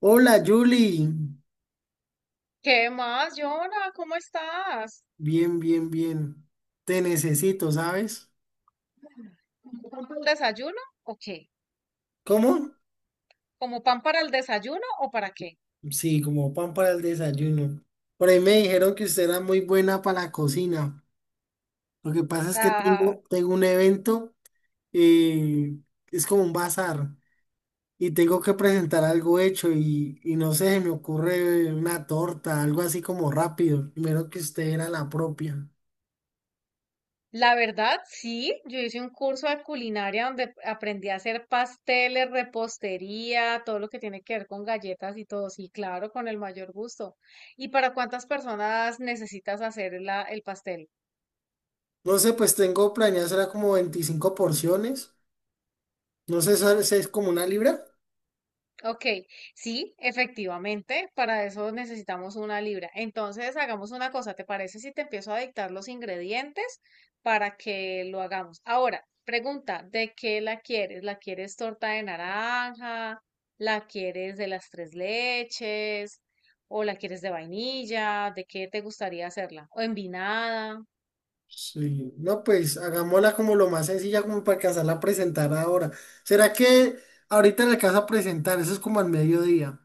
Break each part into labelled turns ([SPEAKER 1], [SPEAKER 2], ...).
[SPEAKER 1] Hola, Julie.
[SPEAKER 2] ¿Qué más, Yona? ¿Cómo estás?
[SPEAKER 1] Bien, bien, bien. Te necesito, ¿sabes?
[SPEAKER 2] ¿Pan para el desayuno o qué?
[SPEAKER 1] ¿Cómo?
[SPEAKER 2] ¿Como pan para el desayuno o para qué?
[SPEAKER 1] Sí, como pan para el desayuno. Por ahí me dijeron que usted era muy buena para la cocina. Lo que pasa es que
[SPEAKER 2] La,
[SPEAKER 1] tengo un evento, eh, es como un bazar, y tengo que presentar algo hecho y no sé, se me ocurre una torta, algo así como rápido. Primero que usted era la propia.
[SPEAKER 2] la verdad, sí, yo hice un curso de culinaria donde aprendí a hacer pasteles, repostería, todo lo que tiene que ver con galletas y todo. Sí, claro, con el mayor gusto. ¿Y para cuántas personas necesitas hacer el pastel?
[SPEAKER 1] No sé, pues tengo planeado, será como 25 porciones. No sé, ¿sabes? ¿Es como una libra?
[SPEAKER 2] Ok, sí, efectivamente, para eso necesitamos una libra. Entonces, hagamos una cosa, ¿te parece si te empiezo a dictar los ingredientes para que lo hagamos? Ahora, pregunta, ¿de qué la quieres? ¿La quieres torta de naranja? ¿La quieres de las tres leches? ¿O la quieres de vainilla? ¿De qué te gustaría hacerla? ¿O envinada?
[SPEAKER 1] Sí, no, pues hagámosla como lo más sencilla, como para alcanzarla a presentar ahora. ¿Será que ahorita la alcanza a presentar? Eso es como al mediodía.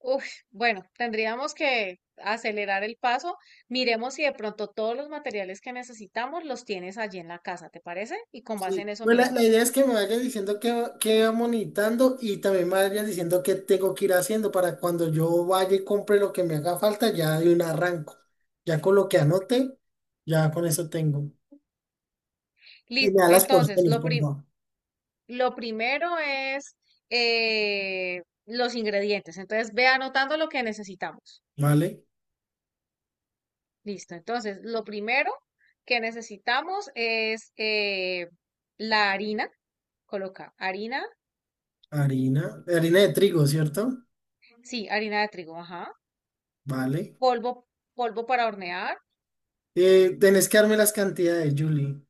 [SPEAKER 2] Uf, bueno, tendríamos que acelerar el paso. Miremos si de pronto todos los materiales que necesitamos los tienes allí en la casa, ¿te parece? Y con base
[SPEAKER 1] Sí,
[SPEAKER 2] en eso
[SPEAKER 1] pues la
[SPEAKER 2] miramos.
[SPEAKER 1] idea es que me vayas diciendo que va monitando y también me vayas diciendo qué tengo que ir haciendo para cuando yo vaya y compre lo que me haga falta, ya de un arranco. Ya con lo que anote, ya con eso tengo. Y me
[SPEAKER 2] Listo.
[SPEAKER 1] da las
[SPEAKER 2] Entonces,
[SPEAKER 1] porciones, por favor.
[SPEAKER 2] lo primero es los ingredientes. Entonces, ve anotando lo que necesitamos.
[SPEAKER 1] Vale,
[SPEAKER 2] Listo. Entonces, lo primero que necesitamos es la harina. Coloca harina,
[SPEAKER 1] harina, harina de trigo, ¿cierto?
[SPEAKER 2] sí, harina de trigo, ajá.
[SPEAKER 1] Vale.
[SPEAKER 2] Polvo, polvo para hornear.
[SPEAKER 1] Tenés que darme las cantidades, Julie.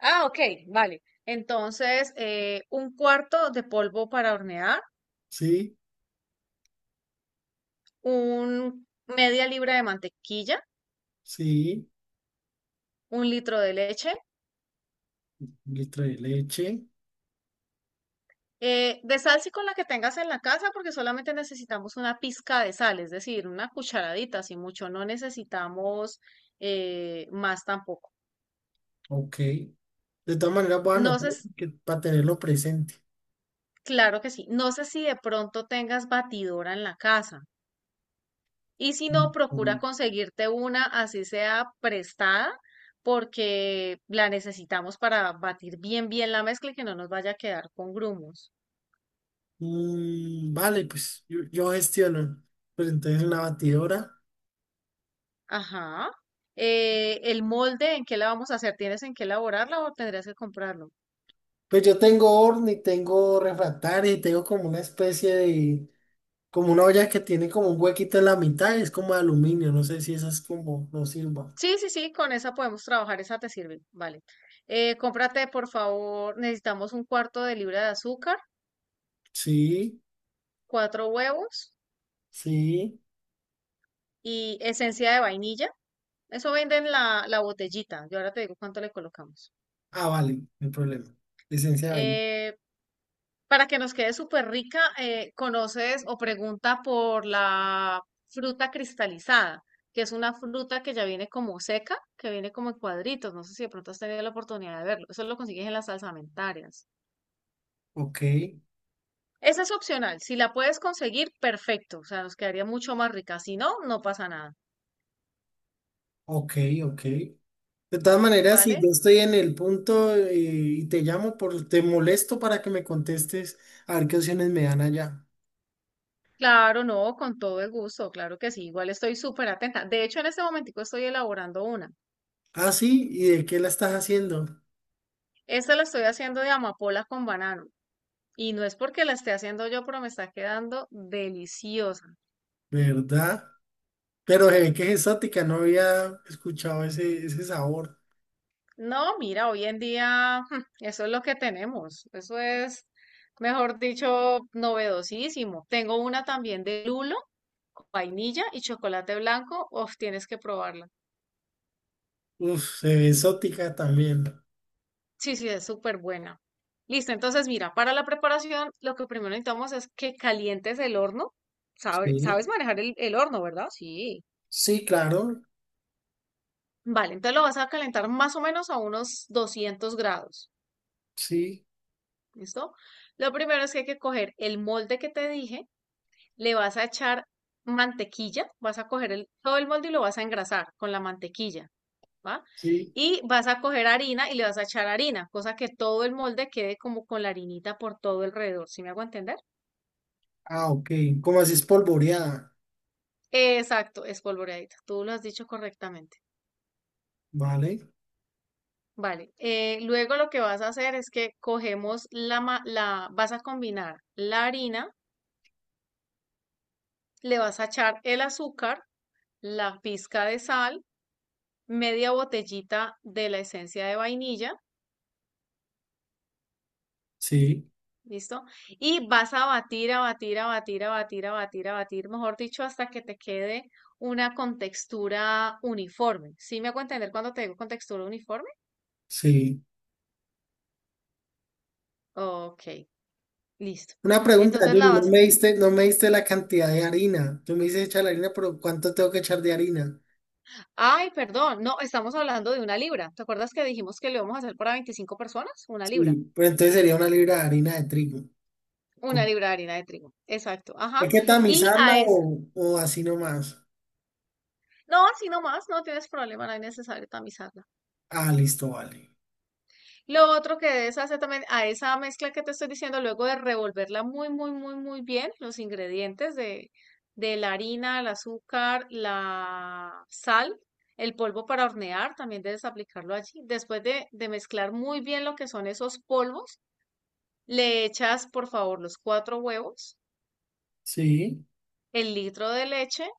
[SPEAKER 2] Ah, ok, vale. Entonces, un cuarto de polvo para hornear,
[SPEAKER 1] Sí,
[SPEAKER 2] un media libra de mantequilla,
[SPEAKER 1] sí,
[SPEAKER 2] un litro de leche,
[SPEAKER 1] un litro de leche,
[SPEAKER 2] de sal sí con la que tengas en la casa, porque solamente necesitamos una pizca de sal, es decir, una cucharadita, si mucho, no necesitamos más tampoco.
[SPEAKER 1] ok. De todas maneras voy a
[SPEAKER 2] No
[SPEAKER 1] anotar
[SPEAKER 2] sé,
[SPEAKER 1] porque- para tenerlo presente.
[SPEAKER 2] claro que sí. No sé si de pronto tengas batidora en la casa. Y si no, procura
[SPEAKER 1] Mm,
[SPEAKER 2] conseguirte una, así sea prestada, porque la necesitamos para batir bien, bien la mezcla y que no nos vaya a quedar con grumos.
[SPEAKER 1] vale, pues yo gestiono. Pues entonces una batidora.
[SPEAKER 2] Ajá. El molde, ¿en qué la vamos a hacer? ¿Tienes en qué elaborarla o tendrías que comprarlo?
[SPEAKER 1] Pues yo tengo horno y tengo refractario y tengo como una especie de, como una olla que tiene como un huequito en la mitad, es como de aluminio, no sé si esa es como, no sirva.
[SPEAKER 2] Sí, sí, sí, con esa podemos trabajar, esa te sirve. Vale. Cómprate, por favor, necesitamos un cuarto de libra de azúcar,
[SPEAKER 1] Sí,
[SPEAKER 2] cuatro huevos
[SPEAKER 1] sí.
[SPEAKER 2] y esencia de vainilla. Eso venden la botellita. Yo ahora te digo cuánto le colocamos.
[SPEAKER 1] Ah, vale, no hay problema. Licencia de vaina.
[SPEAKER 2] Eh, para que nos quede súper rica, conoces o pregunta por la fruta cristalizada, que es una fruta que ya viene como seca, que viene como en cuadritos. No sé si de pronto has tenido la oportunidad de verlo. Eso lo consigues en las salsamentarias.
[SPEAKER 1] Ok,
[SPEAKER 2] Esa es opcional. Si la puedes conseguir, perfecto. O sea, nos quedaría mucho más rica. Si no, no pasa nada,
[SPEAKER 1] ok, ok. De todas maneras, si
[SPEAKER 2] ¿vale?
[SPEAKER 1] yo estoy en el punto y te llamo, te molesto para que me contestes a ver qué opciones me dan allá.
[SPEAKER 2] Claro, no, con todo el gusto, claro que sí. Igual estoy súper atenta. De hecho, en este momentico estoy elaborando una.
[SPEAKER 1] Ah, sí, ¿y de qué la estás haciendo?
[SPEAKER 2] Esta la estoy haciendo de amapola con banano. Y no es porque la esté haciendo yo, pero me está quedando deliciosa.
[SPEAKER 1] ¿Verdad? Pero se ve que es exótica, no había escuchado ese sabor.
[SPEAKER 2] No, mira, hoy en día eso es lo que tenemos. Eso es, mejor dicho, novedosísimo. Tengo una también de lulo, con vainilla y chocolate blanco. Uf, tienes que probarla.
[SPEAKER 1] Uf, se ve exótica también.
[SPEAKER 2] Sí, sí, es súper buena. Listo, entonces mira, para la preparación lo que primero necesitamos es que calientes el horno.
[SPEAKER 1] Sí,
[SPEAKER 2] Sabes manejar el horno, ¿verdad? Sí.
[SPEAKER 1] sí, claro,
[SPEAKER 2] Vale, entonces lo vas a calentar más o menos a unos 200 grados.
[SPEAKER 1] sí,
[SPEAKER 2] ¿Listo? Lo primero es que hay que coger el molde que te dije, le vas a echar mantequilla, vas a coger todo el molde y lo vas a engrasar con la mantequilla, ¿va?
[SPEAKER 1] sí.
[SPEAKER 2] Y vas a coger harina y le vas a echar harina, cosa que todo el molde quede como con la harinita por todo alrededor, ¿sí me hago entender?
[SPEAKER 1] Ah, ok, como así espolvoreada,
[SPEAKER 2] Exacto, espolvoreadita, tú lo has dicho correctamente.
[SPEAKER 1] ¿vale?
[SPEAKER 2] Vale, luego lo que vas a hacer es que cogemos vas a combinar la harina, le vas a echar el azúcar, la pizca de sal, media botellita de la esencia de vainilla,
[SPEAKER 1] Sí,
[SPEAKER 2] ¿listo? Y vas a batir, a batir, a batir, a batir, a batir, a batir, mejor dicho, hasta que te quede una contextura uniforme. ¿Sí me hago entender cuando te digo contextura uniforme?
[SPEAKER 1] sí.
[SPEAKER 2] Ok, listo.
[SPEAKER 1] Una pregunta,
[SPEAKER 2] Entonces
[SPEAKER 1] Yuri,
[SPEAKER 2] la vas...
[SPEAKER 1] no me diste la cantidad de harina. Tú me dices echar la harina, pero ¿cuánto tengo que echar de harina?
[SPEAKER 2] Ay, perdón, no, estamos hablando de una libra. ¿Te acuerdas que dijimos que lo íbamos a hacer para 25 personas? Una libra.
[SPEAKER 1] Sí, pero entonces sería una libra de harina de trigo.
[SPEAKER 2] Una
[SPEAKER 1] ¿Cómo?
[SPEAKER 2] libra de harina de trigo. Exacto, ajá.
[SPEAKER 1] ¿Hay que
[SPEAKER 2] Y
[SPEAKER 1] tamizarla
[SPEAKER 2] a es...
[SPEAKER 1] o así nomás?
[SPEAKER 2] No, así nomás, no tienes problema, no es necesario tamizarla.
[SPEAKER 1] Ah, listo, vale.
[SPEAKER 2] Lo otro que debes hacer también a esa mezcla que te estoy diciendo, luego de revolverla muy, muy, muy, muy bien, los ingredientes de la harina, el azúcar, la sal, el polvo para hornear, también debes aplicarlo allí. Después de mezclar muy bien lo que son esos polvos, le echas, por favor, los cuatro huevos,
[SPEAKER 1] Sí,
[SPEAKER 2] el litro de leche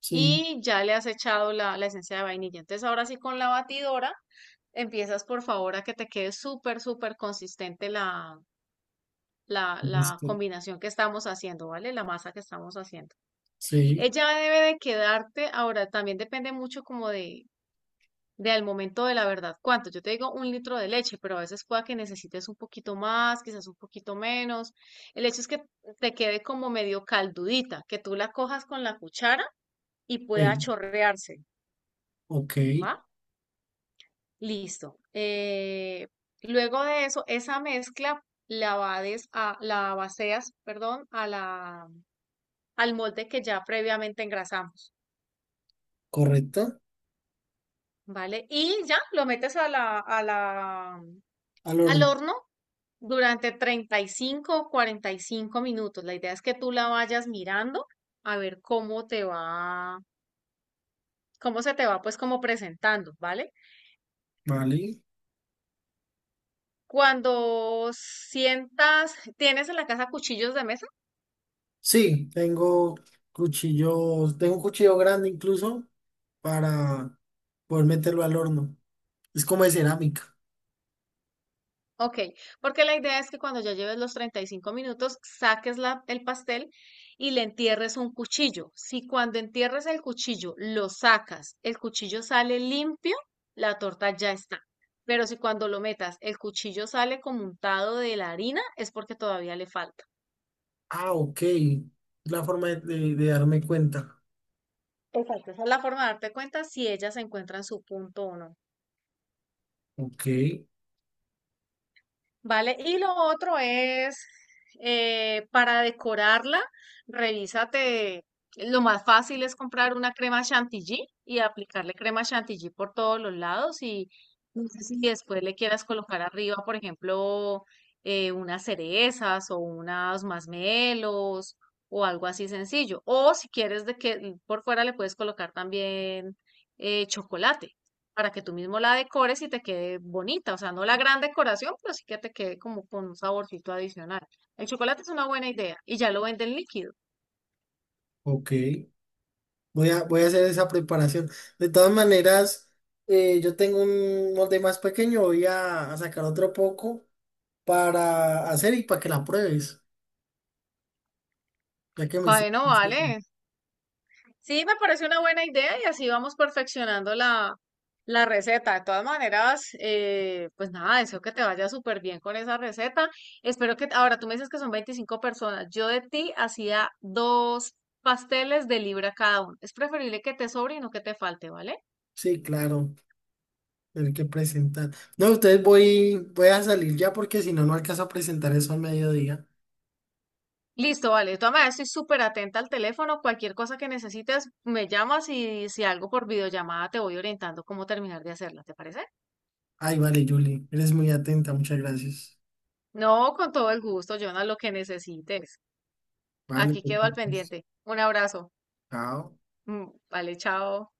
[SPEAKER 1] sí,
[SPEAKER 2] y ya le has echado la esencia de vainilla. Entonces, ahora sí con la batidora, empiezas, por favor, a que te quede súper, súper consistente la
[SPEAKER 1] listo.
[SPEAKER 2] combinación que estamos haciendo, ¿vale? La masa que estamos haciendo.
[SPEAKER 1] Sí,
[SPEAKER 2] Ella debe de quedarte, ahora también depende mucho como de al momento de la verdad, cuánto. Yo te digo un litro de leche, pero a veces pueda que necesites un poquito más, quizás un poquito menos. El hecho es que te quede como medio caldudita, que tú la cojas con la cuchara y pueda
[SPEAKER 1] sí,
[SPEAKER 2] chorrearse,
[SPEAKER 1] ok,
[SPEAKER 2] ¿va? Listo. Luego de eso, esa mezcla la vaceas, perdón, a la al molde que ya previamente engrasamos,
[SPEAKER 1] correcto.
[SPEAKER 2] ¿vale? Y ya lo metes a
[SPEAKER 1] Al
[SPEAKER 2] al
[SPEAKER 1] horno,
[SPEAKER 2] horno durante 35 o 45 minutos. La idea es que tú la vayas mirando a ver cómo te va, cómo se te va pues como presentando, ¿vale?
[SPEAKER 1] vale.
[SPEAKER 2] Cuando sientas, tienes en la casa cuchillos de mesa.
[SPEAKER 1] Sí, tengo cuchillos, tengo un cuchillo grande incluso para poder meterlo al horno. Es como de cerámica.
[SPEAKER 2] Ok, porque la idea es que cuando ya lleves los 35 minutos, saques el pastel y le entierres un cuchillo. Si cuando entierres el cuchillo lo sacas, el cuchillo sale limpio, la torta ya está. Pero si cuando lo metas, el cuchillo sale como untado de la harina, es porque todavía le falta.
[SPEAKER 1] Ah, ok. La forma de darme cuenta.
[SPEAKER 2] Exacto. Esa es la forma de darte cuenta si ella se encuentra en su punto o no.
[SPEAKER 1] Ok,
[SPEAKER 2] Vale, y lo otro es para decorarla, revísate. Lo más fácil es comprar una crema chantilly y aplicarle crema chantilly por todos los lados. Y no sé si después le quieras colocar arriba, por ejemplo, unas cerezas o unas masmelos o algo así sencillo. O si quieres de que por fuera le puedes colocar también chocolate para que tú mismo la decores y te quede bonita. O sea, no la gran decoración, pero sí que te quede como con un saborcito adicional. El chocolate es una buena idea y ya lo venden líquido.
[SPEAKER 1] ok. Voy a hacer esa preparación. De todas maneras, yo tengo un molde más pequeño. A sacar otro poco para hacer y para que la pruebes. Ya que me... hice-
[SPEAKER 2] Bueno, vale. Sí, me parece una buena idea y así vamos perfeccionando la receta. De todas maneras, pues nada, deseo que te vaya súper bien con esa receta. Espero que, ahora tú me dices que son 25 personas. Yo de ti hacía dos pasteles de libra cada uno. Es preferible que te sobre y no que te falte, ¿vale?
[SPEAKER 1] Sí, claro. Tener que presentar. No, ustedes voy a salir ya porque si no, no alcanzo a presentar eso al mediodía.
[SPEAKER 2] Listo, vale. De todas maneras, estoy súper atenta al teléfono. Cualquier cosa que necesites, me llamas y si algo por videollamada te voy orientando cómo terminar de hacerla, ¿te parece?
[SPEAKER 1] Ay, vale, Julie. Eres muy atenta. Muchas gracias.
[SPEAKER 2] No, con todo el gusto, Jonah, lo que necesites.
[SPEAKER 1] Vale,
[SPEAKER 2] Aquí quedo al
[SPEAKER 1] pues.
[SPEAKER 2] pendiente. Un abrazo.
[SPEAKER 1] Chao.
[SPEAKER 2] Mm, vale, chao.